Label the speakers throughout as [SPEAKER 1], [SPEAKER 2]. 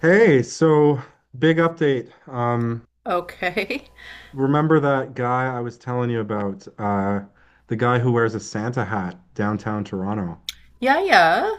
[SPEAKER 1] Hey, so big update.
[SPEAKER 2] Okay.
[SPEAKER 1] Remember that guy I was telling you about? The guy who wears a Santa hat downtown Toronto.
[SPEAKER 2] Yeah, yeah,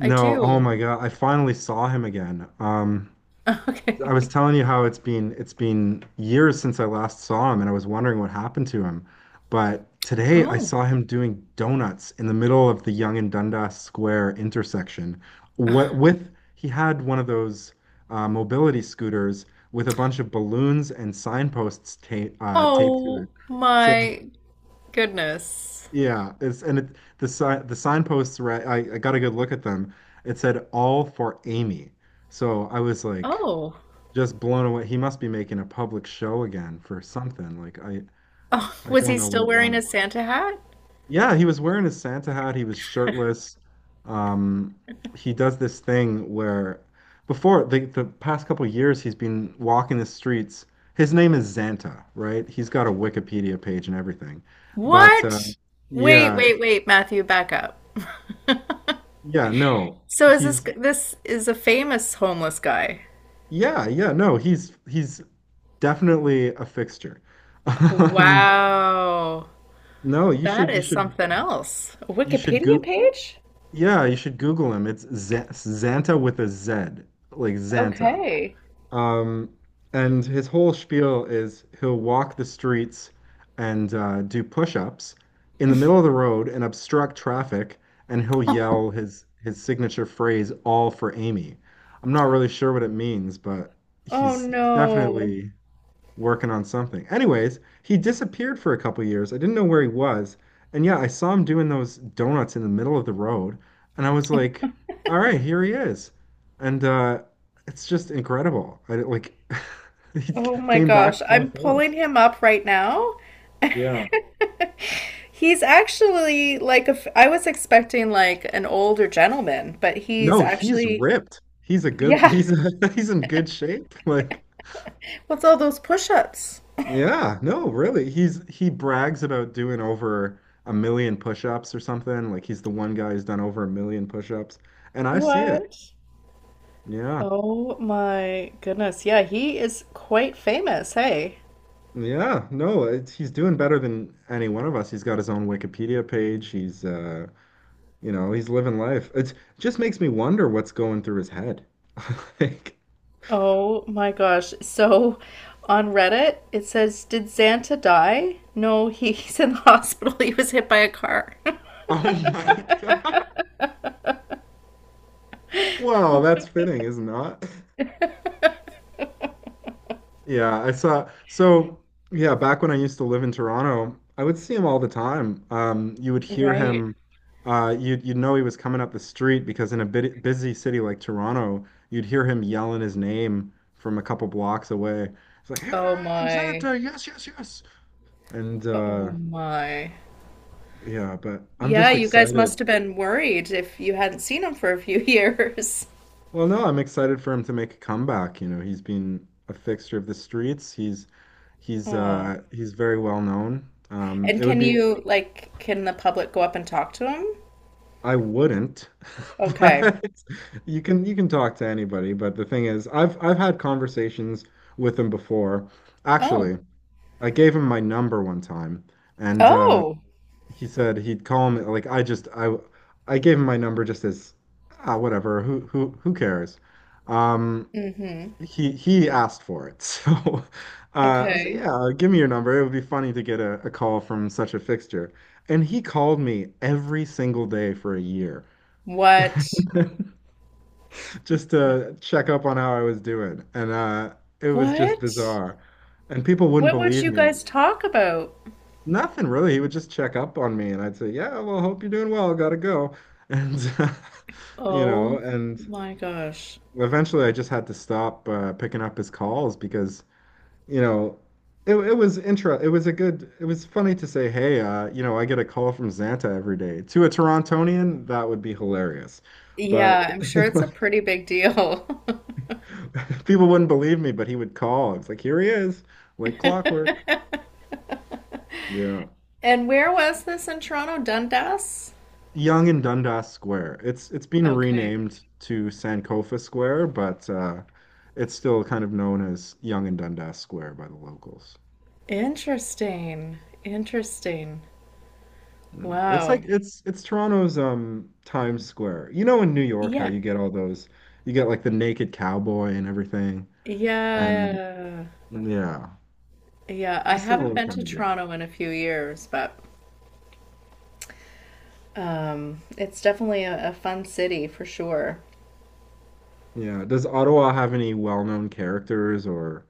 [SPEAKER 2] I
[SPEAKER 1] oh
[SPEAKER 2] do.
[SPEAKER 1] my God, I finally saw him again.
[SPEAKER 2] Okay.
[SPEAKER 1] I was telling you how it's been years since I last saw him and I was wondering what happened to him. But today I
[SPEAKER 2] Oh.
[SPEAKER 1] saw him doing donuts in the middle of the Yonge and Dundas Square intersection. What with he had one of those mobility scooters with a bunch of balloons and signposts ta taped to
[SPEAKER 2] Oh
[SPEAKER 1] it saying,
[SPEAKER 2] my goodness.
[SPEAKER 1] yeah, it's and it the si the signposts right I got a good look at them. It said all for Amy. So I was like
[SPEAKER 2] Oh.
[SPEAKER 1] just blown away. He must be making a public show again for something. Like I
[SPEAKER 2] Oh,
[SPEAKER 1] I
[SPEAKER 2] was
[SPEAKER 1] don't
[SPEAKER 2] he
[SPEAKER 1] know what
[SPEAKER 2] still
[SPEAKER 1] it
[SPEAKER 2] wearing
[SPEAKER 1] was.
[SPEAKER 2] his Santa hat?
[SPEAKER 1] Yeah, he was wearing his Santa hat. He was shirtless. Um, he does this thing where before the past couple years he's been walking the streets. His name is Xanta, right? He's got a Wikipedia page and everything. But
[SPEAKER 2] What? Wait,
[SPEAKER 1] yeah,
[SPEAKER 2] wait, wait, Matthew, back up.
[SPEAKER 1] yeah, no.
[SPEAKER 2] So is this
[SPEAKER 1] He's
[SPEAKER 2] this is a famous homeless guy?
[SPEAKER 1] yeah, no. He's definitely a fixture. Um,
[SPEAKER 2] Wow.
[SPEAKER 1] no, you
[SPEAKER 2] That
[SPEAKER 1] should you
[SPEAKER 2] is
[SPEAKER 1] should
[SPEAKER 2] something else. A
[SPEAKER 1] you should
[SPEAKER 2] Wikipedia
[SPEAKER 1] go
[SPEAKER 2] page?
[SPEAKER 1] yeah, you should Google him. It's Z Xanta with a Z, like Xanta.
[SPEAKER 2] Okay.
[SPEAKER 1] Um, and his whole spiel is he'll walk the streets and do push-ups in the middle of the road and obstruct traffic, and he'll yell his signature phrase, "All for Amy." I'm not really sure what it means, but
[SPEAKER 2] Oh
[SPEAKER 1] he's
[SPEAKER 2] no.
[SPEAKER 1] definitely working on something. Anyways, he disappeared for a couple years. I didn't know where he was. And yeah, I saw him doing those donuts in the middle of the road, and I was like, "All right, here he is." And it's just incredible. I didn't- Like he
[SPEAKER 2] Oh my
[SPEAKER 1] came back
[SPEAKER 2] gosh.
[SPEAKER 1] full
[SPEAKER 2] I'm pulling
[SPEAKER 1] force.
[SPEAKER 2] him up right now.
[SPEAKER 1] Yeah.
[SPEAKER 2] He's actually like a f I was expecting like an older gentleman, but he's
[SPEAKER 1] No, he's
[SPEAKER 2] actually,
[SPEAKER 1] ripped. He's a good,
[SPEAKER 2] yeah.
[SPEAKER 1] he's he's in good shape. Like
[SPEAKER 2] What's all those push-ups?
[SPEAKER 1] yeah, no, really. He brags about doing over a million push-ups or something. Like he's the one guy who's done over a million push-ups. And I see it.
[SPEAKER 2] What?
[SPEAKER 1] Yeah.
[SPEAKER 2] Oh my goodness. Yeah, he is quite famous. Hey.
[SPEAKER 1] Yeah, no, it's, he's doing better than any one of us. He's got his own Wikipedia page. He's you know, he's living life. It just makes me wonder what's going through his head. Like,
[SPEAKER 2] Oh my gosh. So on Reddit, it says, did Santa die? No, he's in the hospital, he was hit by a car.
[SPEAKER 1] oh my God. Wow, that's fitting, isn't it? Yeah, I saw. So, yeah, back when I used to live in Toronto, I would see him all the time. You would hear
[SPEAKER 2] Right.
[SPEAKER 1] him. You'd know he was coming up the street because in a bit busy city like Toronto, you'd hear him yelling his name from a couple blocks away. It's like, "Here
[SPEAKER 2] Oh
[SPEAKER 1] I am,
[SPEAKER 2] my.
[SPEAKER 1] Senator! Yes, yes, yes!" And
[SPEAKER 2] Oh my.
[SPEAKER 1] yeah, but I'm
[SPEAKER 2] Yeah,
[SPEAKER 1] just
[SPEAKER 2] you guys
[SPEAKER 1] excited.
[SPEAKER 2] must have been worried if you hadn't seen him for a few years.
[SPEAKER 1] Well, no, I'm excited for him to make a comeback. You know, he's been a fixture of the streets. He's he's
[SPEAKER 2] Oh.
[SPEAKER 1] uh he's very well known.
[SPEAKER 2] And
[SPEAKER 1] It would
[SPEAKER 2] can
[SPEAKER 1] be
[SPEAKER 2] you, like, can the public go up and talk to him?
[SPEAKER 1] I wouldn't,
[SPEAKER 2] Okay.
[SPEAKER 1] but you can talk to anybody. But the thing is, I've had conversations with him before.
[SPEAKER 2] Oh.
[SPEAKER 1] Actually, I gave him my number one time, and
[SPEAKER 2] Oh.
[SPEAKER 1] he said he'd call me. Like I just I gave him my number just as ah whatever. Who cares? Um,
[SPEAKER 2] Mm-hmm.
[SPEAKER 1] he asked for it, so uh, I was like,
[SPEAKER 2] Okay.
[SPEAKER 1] yeah, give me your number. It would be funny to get a call from such a fixture. And he called me every single day for a year.
[SPEAKER 2] What?
[SPEAKER 1] Just to check up on how I was doing. And it was just
[SPEAKER 2] What?
[SPEAKER 1] bizarre. And people wouldn't
[SPEAKER 2] What would
[SPEAKER 1] believe
[SPEAKER 2] you
[SPEAKER 1] me.
[SPEAKER 2] guys talk about?
[SPEAKER 1] Nothing really. He would just check up on me and I'd say, yeah, well, hope you're doing well. Gotta go. And, you know,
[SPEAKER 2] Oh
[SPEAKER 1] and
[SPEAKER 2] my gosh.
[SPEAKER 1] eventually I just had to stop picking up his calls because, you know, it was intro. It was a good, it was funny to say, hey, you know, I get a call from Xanta every day. To a Torontonian, that would be hilarious. But
[SPEAKER 2] Yeah, I'm sure it's a pretty big deal.
[SPEAKER 1] people wouldn't believe me, but he would call. It's like, here he is, like clockwork. Yeah.
[SPEAKER 2] And where was this in Toronto? Dundas?
[SPEAKER 1] Young and Dundas Square. It's been
[SPEAKER 2] Okay.
[SPEAKER 1] renamed to Sankofa Square, but it's still kind of known as Young and Dundas Square by the locals.
[SPEAKER 2] Interesting. Interesting.
[SPEAKER 1] Yeah. It's like
[SPEAKER 2] Wow.
[SPEAKER 1] it's Toronto's Times Square. You know in New York how
[SPEAKER 2] Yeah.
[SPEAKER 1] you get all those you get like the naked cowboy and everything. And
[SPEAKER 2] Yeah.
[SPEAKER 1] yeah,
[SPEAKER 2] Yeah.
[SPEAKER 1] it's
[SPEAKER 2] I
[SPEAKER 1] a
[SPEAKER 2] haven't
[SPEAKER 1] similar
[SPEAKER 2] been
[SPEAKER 1] kind
[SPEAKER 2] to
[SPEAKER 1] of deal.
[SPEAKER 2] Toronto in a few years, but it's definitely a fun city for sure.
[SPEAKER 1] Yeah. Does Ottawa have any well-known characters or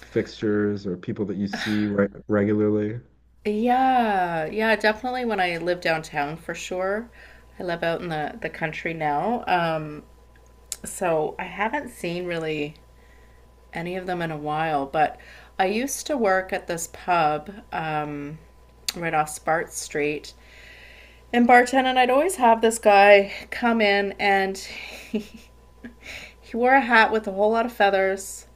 [SPEAKER 1] fixtures or people that you see re regularly?
[SPEAKER 2] Yeah. Yeah. Definitely when I live downtown for sure. I live out in the country now. So I haven't seen really any of them in a while, but I used to work at this pub, right off Spart Street. In bartending, I'd always have this guy come in and he, he wore a hat with a whole lot of feathers.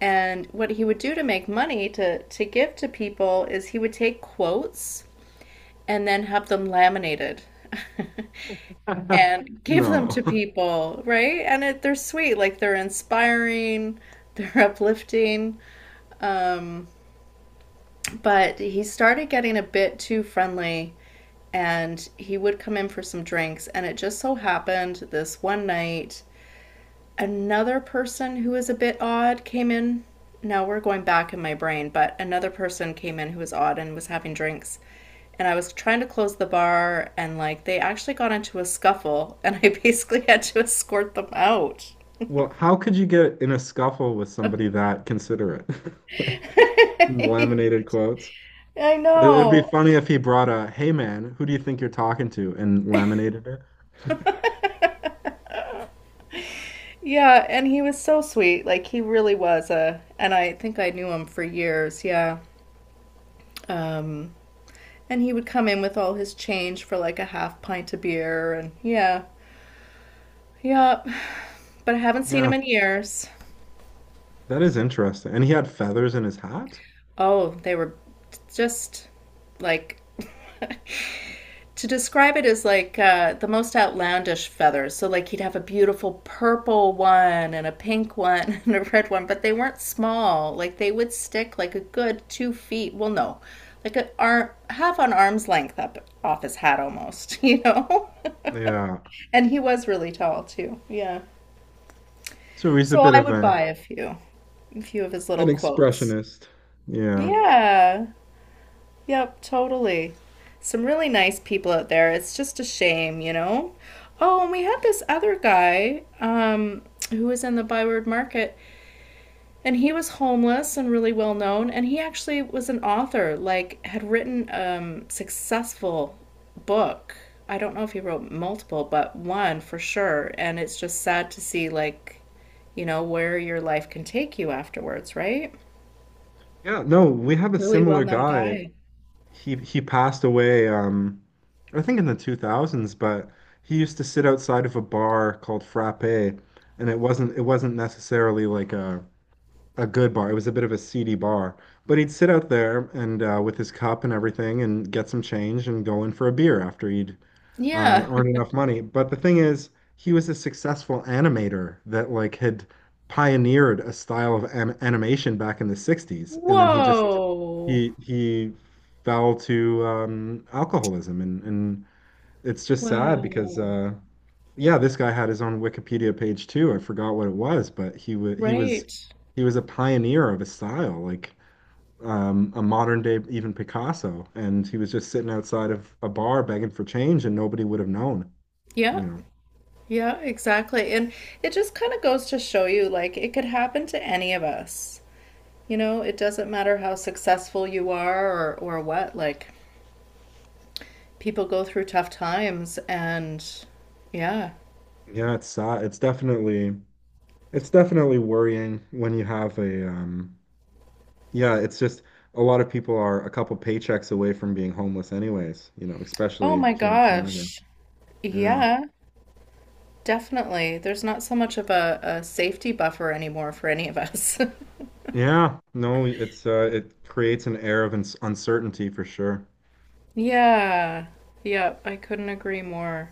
[SPEAKER 2] And what he would do to make money to give to people is he would take quotes and then have them laminated and give them
[SPEAKER 1] No.
[SPEAKER 2] to people, right? And they're sweet, like they're inspiring, they're uplifting. Um, but he started getting a bit too friendly and he would come in for some drinks. And it just so happened this one night, another person who was a bit odd came in. Now we're going back in my brain, but another person came in who was odd and was having drinks. And I was trying to close the bar, and like they actually got into a scuffle, and I basically had to escort them out.
[SPEAKER 1] Well, how could you get in a scuffle with somebody that considerate? Like,
[SPEAKER 2] I
[SPEAKER 1] laminated quotes. It- It'd be
[SPEAKER 2] know.
[SPEAKER 1] funny if he brought a, "Hey man, who do you think you're talking to?" and laminated it.
[SPEAKER 2] Yeah, and he was so sweet. Like he really was and I think I knew him for years. Yeah. Um, and he would come in with all his change for like a half pint of beer, and yeah, yeah. But I haven't seen
[SPEAKER 1] Yeah,
[SPEAKER 2] him in years.
[SPEAKER 1] that is interesting. And he had feathers in his hat?
[SPEAKER 2] Oh, they were just like to describe it as like the most outlandish feathers. So, like, he'd have a beautiful purple one and a pink one and a red one, but they weren't small. Like, they would stick like a good 2 feet. Well, no, like a arm, half on arm's length up off his hat almost, you know?
[SPEAKER 1] Yeah.
[SPEAKER 2] And he was really tall too. Yeah.
[SPEAKER 1] So he's a
[SPEAKER 2] So
[SPEAKER 1] bit
[SPEAKER 2] I
[SPEAKER 1] of
[SPEAKER 2] would
[SPEAKER 1] a
[SPEAKER 2] buy a few of his
[SPEAKER 1] an
[SPEAKER 2] little quotes.
[SPEAKER 1] expressionist. Yeah.
[SPEAKER 2] Yeah. Yep, totally. Some really nice people out there. It's just a shame, you know? Oh, and we had this other guy who was in the Byward Market, and he was homeless and really well known, and he actually was an author, like, had written a successful book. I don't know if he wrote multiple, but one for sure. And it's just sad to see, like, where your life can take you afterwards, right?
[SPEAKER 1] Yeah, no, we have a
[SPEAKER 2] Really well
[SPEAKER 1] similar
[SPEAKER 2] known
[SPEAKER 1] guy.
[SPEAKER 2] guy.
[SPEAKER 1] He passed away, I think in the 2000s, but he used to sit outside of a bar called Frappe, and it wasn't necessarily like a good bar. It was a bit of a seedy bar, but he'd sit out there and with his cup and everything, and get some change and go in for a beer after he'd
[SPEAKER 2] Yeah.
[SPEAKER 1] aren't enough money. But the thing is, he was a successful animator that like had pioneered a style of an animation back in the 60s, and then he just
[SPEAKER 2] Whoa.
[SPEAKER 1] he fell to alcoholism, and it's just sad because
[SPEAKER 2] Wow.
[SPEAKER 1] yeah, this guy had his own Wikipedia page too. I forgot what it was, but he was he was
[SPEAKER 2] Right.
[SPEAKER 1] he was a pioneer of a style like. A modern day even Picasso, and he was just sitting outside of a bar begging for change, and nobody would have known
[SPEAKER 2] Yeah.
[SPEAKER 1] you know.
[SPEAKER 2] Yeah, exactly. And it just kind of goes to show you like it could happen to any of us. You know, it doesn't matter how successful you are or what. Like people go through tough times and yeah.
[SPEAKER 1] Yeah, it's sad. It's definitely worrying when you have a yeah, it's just a lot of people are a couple paychecks away from being homeless anyways, you know,
[SPEAKER 2] Oh
[SPEAKER 1] especially
[SPEAKER 2] my
[SPEAKER 1] here in Canada.
[SPEAKER 2] gosh.
[SPEAKER 1] Yeah.
[SPEAKER 2] Yeah, definitely. There's not so much of a safety buffer anymore for any of us.
[SPEAKER 1] Yeah, no, it's it creates an air of uncertainty for sure.
[SPEAKER 2] Yeah. Yep, I couldn't agree more.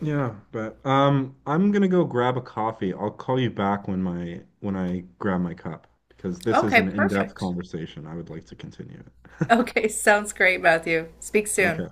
[SPEAKER 1] Yeah, but I'm gonna go grab a coffee. I'll call you back when my when I grab my cup because this is
[SPEAKER 2] Okay,
[SPEAKER 1] an in-depth
[SPEAKER 2] perfect.
[SPEAKER 1] conversation. I would like to continue it.
[SPEAKER 2] Okay, sounds great, Matthew. Speak soon.
[SPEAKER 1] Okay.